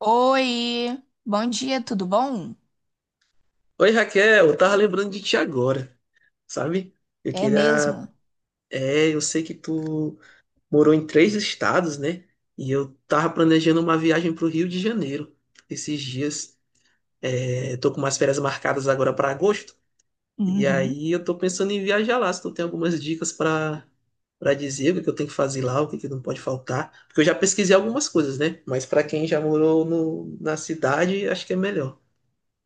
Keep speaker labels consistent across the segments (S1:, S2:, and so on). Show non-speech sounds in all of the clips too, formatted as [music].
S1: Oi, bom dia, tudo bom?
S2: Oi, Raquel, eu tava lembrando de ti agora, sabe? Eu
S1: É
S2: queria.
S1: mesmo?
S2: É, eu sei que tu morou em três estados, né? E eu tava planejando uma viagem pro Rio de Janeiro esses dias. É, tô com umas férias marcadas agora para agosto. E
S1: Uhum.
S2: aí eu tô pensando em viajar lá, se tu tem algumas dicas para dizer o que é que eu tenho que fazer lá, o que é que não pode faltar. Porque eu já pesquisei algumas coisas, né? Mas para quem já morou no, na cidade, acho que é melhor.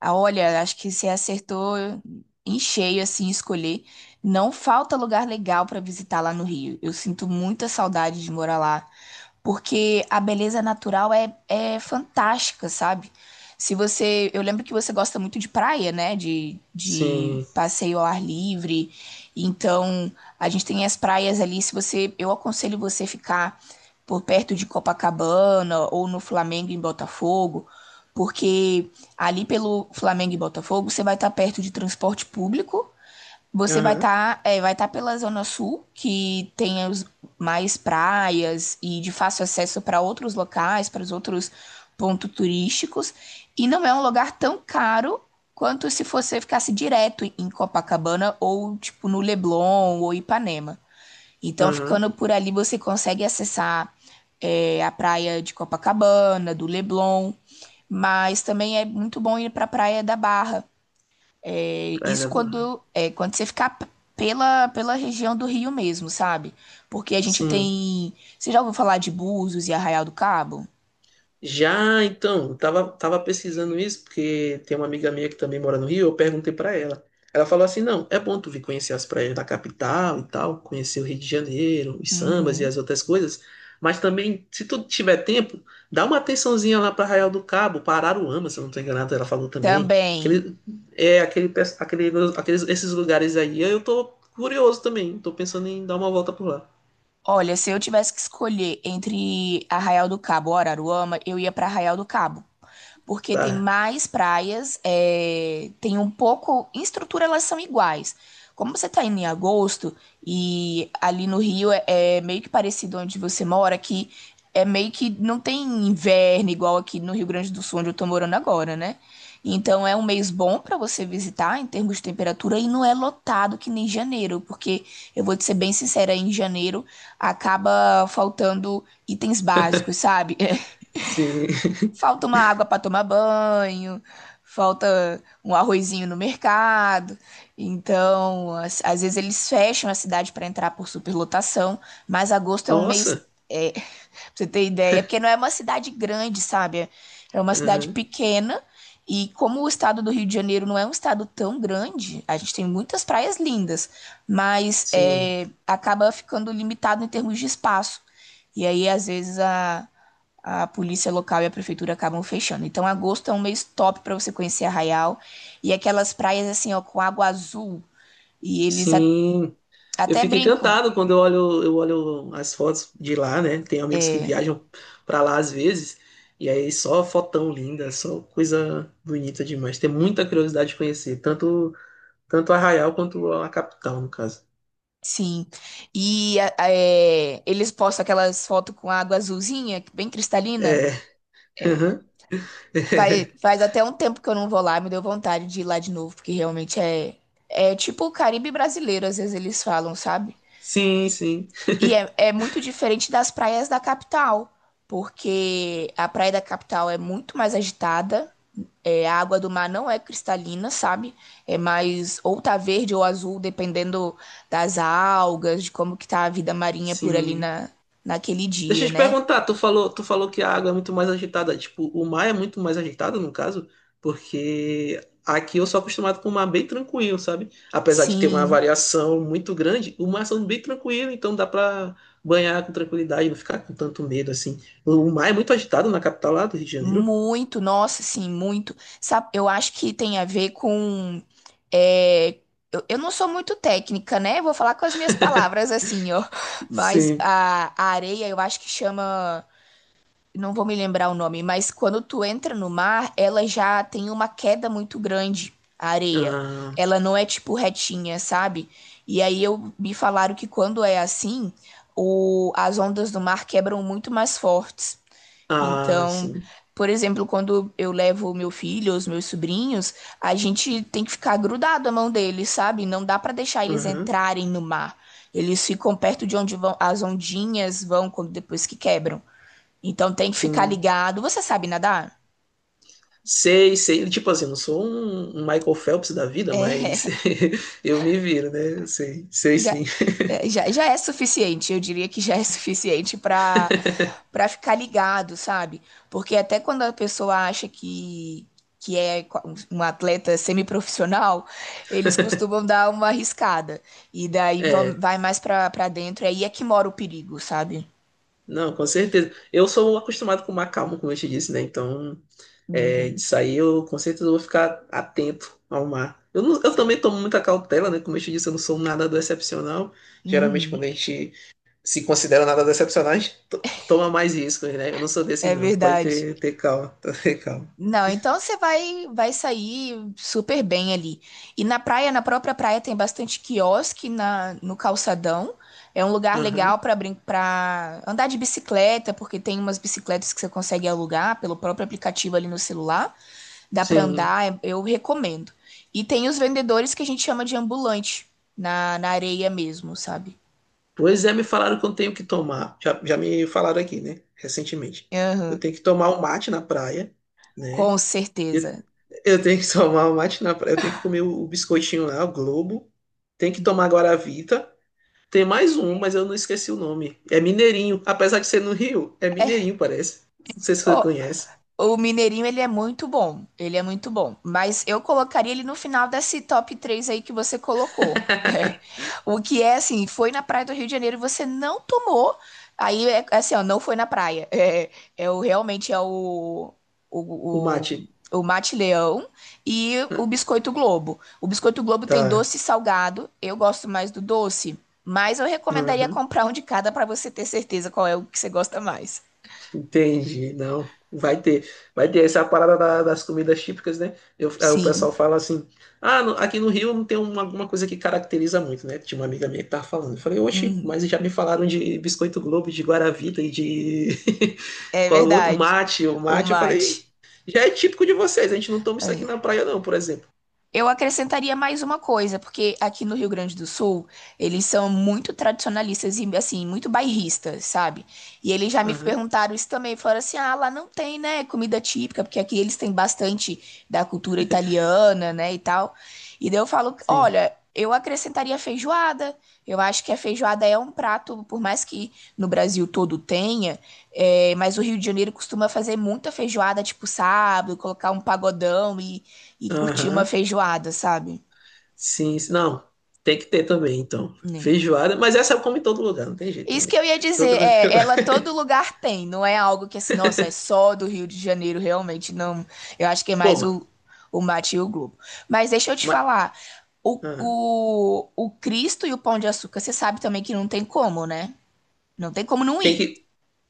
S1: Ah, olha, acho que você acertou em cheio, assim, escolher. Não falta lugar legal para visitar lá no Rio. Eu sinto muita saudade de morar lá, porque a beleza natural é fantástica, sabe? Se você, eu lembro que você gosta muito de praia, né? De
S2: Sim.
S1: passeio ao ar livre. Então, a gente tem as praias ali. Se você, eu aconselho você ficar por perto de Copacabana ou no Flamengo em Botafogo, porque ali pelo Flamengo e Botafogo, você vai estar perto de transporte público, você vai
S2: Aham.
S1: estar vai estar pela Zona Sul, que tem os mais praias e de fácil acesso para outros locais, para os outros pontos turísticos, e não é um lugar tão caro quanto se você ficasse direto em Copacabana ou tipo no Leblon ou Ipanema. Então,
S2: Aham.
S1: ficando por ali, você consegue acessar a praia de Copacabana, do Leblon, mas também é muito bom ir para a praia da Barra.
S2: Praia da
S1: Isso
S2: Mar.
S1: quando, quando você ficar pela região do Rio mesmo, sabe? Porque a gente
S2: Sim.
S1: tem. Você já ouviu falar de Búzios e Arraial do Cabo?
S2: Já então, eu tava pesquisando isso, porque tem uma amiga minha que também mora no Rio, eu perguntei pra ela. Ela falou assim: não, é bom tu vir conhecer as praias da capital e tal, conhecer o Rio de Janeiro, os sambas e
S1: Uhum.
S2: as outras coisas, mas também, se tu tiver tempo, dá uma atençãozinha lá pra Arraial do Cabo, pra Araruama, se eu não tô enganado, ela falou também.
S1: Também.
S2: Aquele, é, aquele, esses lugares aí, eu tô curioso também, tô pensando em dar uma volta por lá.
S1: Olha, se eu tivesse que escolher entre Arraial do Cabo ou Araruama, eu ia para Arraial do Cabo, porque tem
S2: Tá,
S1: mais praias, tem um pouco. Em estrutura elas são iguais. Como você está indo em agosto e ali no Rio é meio que parecido onde você mora, que é meio que não tem inverno igual aqui no Rio Grande do Sul, onde eu estou morando agora, né? Então é um mês bom para você visitar em termos de temperatura e não é lotado que nem janeiro, porque eu vou te ser bem sincera, em janeiro acaba faltando itens básicos, sabe? [laughs]
S2: sim. [laughs]
S1: Falta uma água para tomar banho, falta um arrozinho no mercado. Então, às vezes eles fecham a cidade para entrar por superlotação, mas agosto é um mês
S2: Nossa,
S1: é, Pra você ter ideia, porque não é uma cidade grande, sabe? É uma cidade
S2: aham,
S1: pequena. E como o estado do Rio de Janeiro não é um estado tão grande, a gente tem muitas praias lindas, mas
S2: sim.
S1: acaba ficando limitado em termos de espaço. E aí, às vezes, a polícia local e a prefeitura acabam fechando. Então, agosto é um mês top para você conhecer Arraial. E aquelas praias, assim, ó, com água azul. E eles
S2: Sim, eu
S1: até
S2: fico
S1: brincam.
S2: encantado quando eu olho as fotos de lá, né? Tem amigos que
S1: é,
S2: viajam pra lá às vezes, e aí só fotão linda, só coisa bonita demais. Tem muita curiosidade de conhecer, tanto Arraial quanto a capital, no caso.
S1: Sim. E eles postam aquelas fotos com água azulzinha, bem cristalina.
S2: É. [laughs]
S1: É,
S2: aham.
S1: faz até um tempo que eu não vou lá, me deu vontade de ir lá de novo, porque realmente é tipo o Caribe brasileiro, às vezes eles falam, sabe?
S2: Sim, sim,
S1: E é muito diferente das praias da capital, porque a praia da capital é muito mais agitada. É, a água do mar não é cristalina, sabe? É mais ou tá verde ou azul, dependendo das algas, de como que tá a vida marinha por ali
S2: sim.
S1: na, naquele
S2: Deixa
S1: dia,
S2: eu te
S1: né?
S2: perguntar, tu falou que a água é muito mais agitada. Tipo, o mar é muito mais agitado, no caso, porque aqui eu sou acostumado com o mar bem tranquilo, sabe? Apesar de ter uma
S1: Sim,
S2: variação muito grande, o mar é bem tranquilo, então dá pra banhar com tranquilidade, não ficar com tanto medo assim. O mar é muito agitado na capital lá do Rio de Janeiro.
S1: muito, nossa, sim, muito. Sabe, eu acho que tem a ver com. é, eu não sou muito técnica, né? Vou falar com as minhas palavras assim, ó. [laughs] Mas
S2: Sim.
S1: a areia, eu acho que chama. Não vou me lembrar o nome, mas quando tu entra no mar, ela já tem uma queda muito grande, a areia.
S2: Ah,
S1: Ela não é tipo retinha, sabe? E aí eu me falaram que quando é assim, as ondas do mar quebram muito mais fortes.
S2: ah,
S1: Então,
S2: sim.
S1: por exemplo, quando eu levo o meu filho, os meus sobrinhos, a gente tem que ficar grudado à mão deles, sabe? Não dá para deixar eles
S2: Aham,
S1: entrarem no mar. Eles ficam perto de onde vão as ondinhas vão quando depois que quebram. Então tem que ficar
S2: sim.
S1: ligado. Você sabe nadar?
S2: Sei, sei. Tipo assim, não sou um Michael Phelps da vida, mas
S1: É,
S2: [laughs] eu me viro, né? Sei,
S1: [laughs]
S2: sei
S1: já,
S2: sim.
S1: já é suficiente. Eu diria que já é suficiente para ficar ligado, sabe? Porque até quando a pessoa acha que é um atleta semiprofissional, eles costumam dar uma arriscada. E daí
S2: É,
S1: vai mais para dentro. Aí é que mora o perigo, sabe?
S2: não, com certeza. Eu sou acostumado com o mar calmo, como eu te disse, né? Então, é,
S1: Uhum,
S2: disso aí eu com certeza vou ficar atento ao mar. Eu, não- eu
S1: sim.
S2: também tomo muita cautela, né? Como eu te disse, eu não sou um nadador excepcional. Geralmente, quando
S1: Uhum,
S2: a gente se considera um nadador excepcional, a gente to- toma mais riscos, né? Eu não sou desses,
S1: é
S2: não. Pode
S1: verdade.
S2: ter calma, [laughs] ter calma.
S1: Não, então você vai sair super bem ali. E na praia, na própria praia tem bastante quiosque no calçadão. É um lugar legal
S2: Aham,
S1: para andar de bicicleta, porque tem umas bicicletas que você consegue alugar pelo próprio aplicativo ali no celular. Dá para
S2: sim.
S1: andar, eu recomendo. E tem os vendedores que a gente chama de ambulante na areia mesmo, sabe?
S2: Pois é, me falaram que eu tenho que tomar. Já me falaram aqui, né? Recentemente. Eu
S1: Aham,
S2: tenho que tomar um mate na praia, né?
S1: com
S2: Eu,
S1: certeza.
S2: eu tenho que [laughs] tomar o mate na praia, eu tenho que comer o, biscoitinho lá, o Globo. Tem que tomar Guaravita. Tem mais um, mas eu não esqueci o nome. É Mineirinho. Apesar de ser no Rio, é
S1: É,
S2: Mineirinho, parece. Não sei se você
S1: Ó,
S2: conhece.
S1: o Mineirinho, ele é muito bom. Ele é muito bom. Mas eu colocaria ele no final desse top 3 aí que você colocou. [laughs]
S2: [laughs]
S1: O que é assim, foi na praia do Rio de Janeiro e você não tomou. Aí é assim, ó, não foi na praia. [laughs] Realmente é
S2: O
S1: o,
S2: mate.
S1: o Mate Leão e o
S2: Ah,
S1: Biscoito Globo. O Biscoito Globo tem
S2: tá.
S1: doce e salgado. Eu gosto mais do doce, mas eu recomendaria comprar um de cada para você ter certeza qual é o que você gosta mais.
S2: Entendi, não. Vai ter essa parada das comidas típicas, né? Eu, aí o pessoal
S1: Sim.
S2: fala assim: ah, aqui no Rio não tem uma, alguma coisa que caracteriza muito, né? Tinha uma amiga minha que tava falando. Eu falei, oxe,
S1: Uhum.
S2: mas já me falaram de biscoito Globo, de Guaravita e de. [laughs]
S1: É
S2: Qual o outro?
S1: verdade.
S2: Mate, o
S1: O
S2: mate. Eu falei,
S1: mate.
S2: já é típico de vocês, a gente não toma isso aqui na
S1: É.
S2: praia, não, por exemplo.
S1: Eu acrescentaria mais uma coisa, porque aqui no Rio Grande do Sul, eles são muito tradicionalistas e, assim, muito bairristas, sabe? E eles já me
S2: Aham,
S1: perguntaram isso também, falaram assim, ah, lá não tem, né, comida típica, porque aqui eles têm bastante da cultura italiana, né, e tal. E daí eu falo,
S2: sim.
S1: olha, eu acrescentaria feijoada, eu acho que a feijoada é um prato, por mais que no Brasil todo tenha, mas o Rio de Janeiro costuma fazer muita feijoada, tipo sábado, colocar um pagodão e curtir uma
S2: Aham,
S1: feijoada, sabe?
S2: sim, sim. Não, tem que ter também, então.
S1: Né?
S2: Feijoada, mas essa eu como em todo lugar, não tem jeito
S1: Isso
S2: também.
S1: que eu ia
S2: Todo...
S1: dizer, ela
S2: [laughs]
S1: todo lugar tem, não é algo que assim, nossa, é só do Rio de Janeiro, realmente, não. Eu acho que é
S2: Pô,
S1: mais
S2: ma-
S1: o mate e o globo. Mas deixa eu te falar, o,
S2: ah,
S1: o, o Cristo e o Pão de Açúcar, você sabe também que não tem como, né? Não tem como não
S2: tem
S1: ir.
S2: que.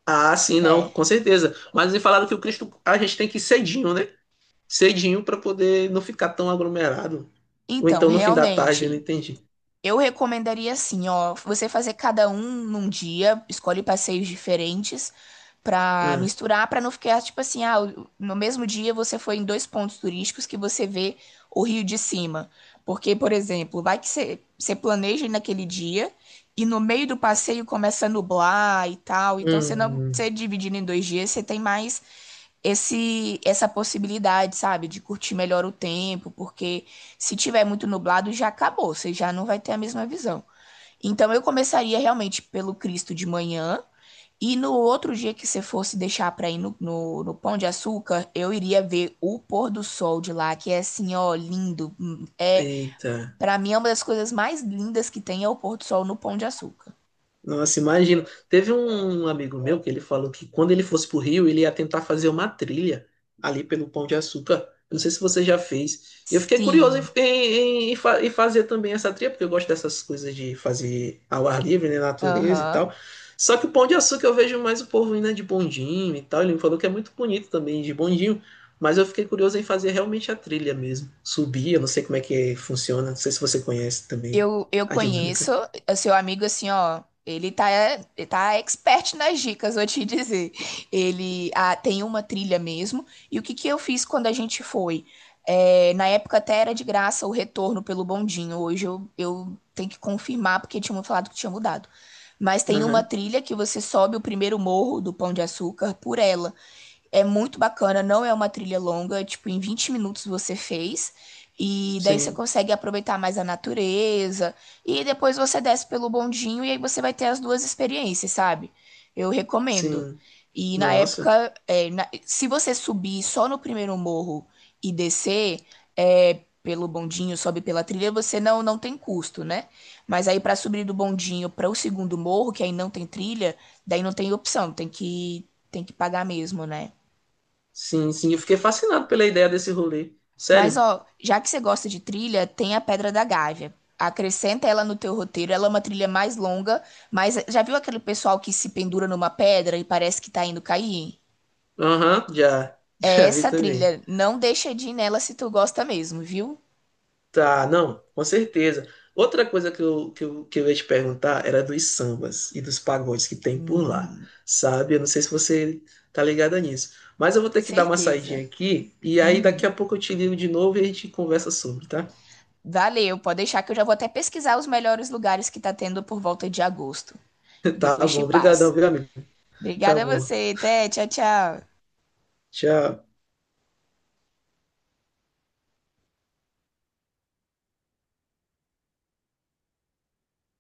S2: Ah, sim, não,
S1: É.
S2: com certeza. Mas me falaram que o Cristo, a gente tem que ir cedinho, né? Cedinho para poder não ficar tão aglomerado. Ou
S1: Então,
S2: então no fim da tarde, eu não
S1: realmente,
S2: entendi.
S1: eu recomendaria assim, ó, você fazer cada um num dia, escolhe passeios diferentes pra
S2: Ah,
S1: misturar, pra não ficar tipo assim, ah, no mesmo dia você foi em dois pontos turísticos que você vê o Rio de cima. Porque, por exemplo, vai que você planeja ir naquele dia e no meio do passeio começa a nublar e tal, então você não,
S2: hum,
S1: você dividindo em 2 dias, você tem mais esse essa possibilidade, sabe, de curtir melhor o tempo, porque se tiver muito nublado já acabou, você já não vai ter a mesma visão. Então eu começaria realmente pelo Cristo de manhã e no outro dia que você fosse deixar para ir no Pão de Açúcar, eu iria ver o pôr do sol de lá, que é assim, ó, lindo. É,
S2: eita.
S1: para mim é uma das coisas mais lindas que tem é o pôr do sol no Pão de Açúcar.
S2: Nossa, imagino. Teve um amigo meu que ele falou que quando ele fosse pro Rio, ele ia tentar fazer uma trilha ali pelo Pão de Açúcar. Eu não sei se você já fez. Eu fiquei curioso
S1: Sim.
S2: em fazer também essa trilha, porque eu gosto dessas coisas de fazer ao ar livre, né, natureza e
S1: Aham.
S2: tal. Só que o Pão de Açúcar eu vejo mais o povo indo né, de bondinho e tal. Ele me falou que é muito bonito também de bondinho, mas eu fiquei curioso em fazer realmente a trilha mesmo. Subir, eu não sei como é que funciona, não sei se você conhece também
S1: Eu
S2: a dinâmica.
S1: conheço o seu amigo assim, ó. Ele tá expert nas dicas, vou te dizer. Ele tem uma trilha mesmo. E o que que eu fiz quando a gente foi? É, na época até era de graça o retorno pelo bondinho. Hoje eu tenho que confirmar porque tinha me falado que tinha mudado. Mas tem uma
S2: Aham,
S1: trilha que você sobe o primeiro morro do Pão de Açúcar por ela. É muito bacana, não é uma trilha longa, tipo, em 20 minutos você fez. E daí você
S2: sim.
S1: consegue aproveitar mais a natureza. E depois você desce pelo bondinho e aí você vai ter as duas experiências, sabe? Eu recomendo.
S2: Sim,
S1: E na
S2: nossa.
S1: época, se você subir só no primeiro morro e descer pelo bondinho, sobe pela trilha, você não, tem custo, né? Mas aí pra subir do bondinho para o segundo morro, que aí não tem trilha, daí não tem opção, tem que pagar mesmo, né?
S2: Sim, sim, eu fiquei fascinado pela ideia desse rolê.
S1: Mas
S2: Sério?
S1: ó, já que você gosta de trilha, tem a Pedra da Gávea. Acrescenta ela no teu roteiro. Ela é uma trilha mais longa, mas já viu aquele pessoal que se pendura numa pedra e parece que tá indo cair?
S2: Aham, já, [laughs]
S1: É
S2: já vi
S1: essa
S2: também.
S1: trilha. Não deixa de ir nela se tu gosta mesmo, viu?
S2: Tá, não, com certeza. Outra coisa que eu ia te perguntar era dos sambas e dos pagodes que tem por lá,
S1: Uhum,
S2: sabe? Eu não sei se você tá ligada nisso, mas eu vou ter que dar uma saidinha
S1: certeza.
S2: aqui e aí daqui
S1: Uhum.
S2: a pouco eu te ligo de novo e a gente conversa sobre, tá?
S1: Valeu, pode deixar que eu já vou até pesquisar os melhores lugares que tá tendo por volta de agosto.
S2: [laughs] Tá
S1: Depois
S2: bom,
S1: te
S2: obrigadão,
S1: passo.
S2: viu, amigo? Tá
S1: Obrigada a
S2: bom,
S1: você, até, tchau, tchau.
S2: tchau.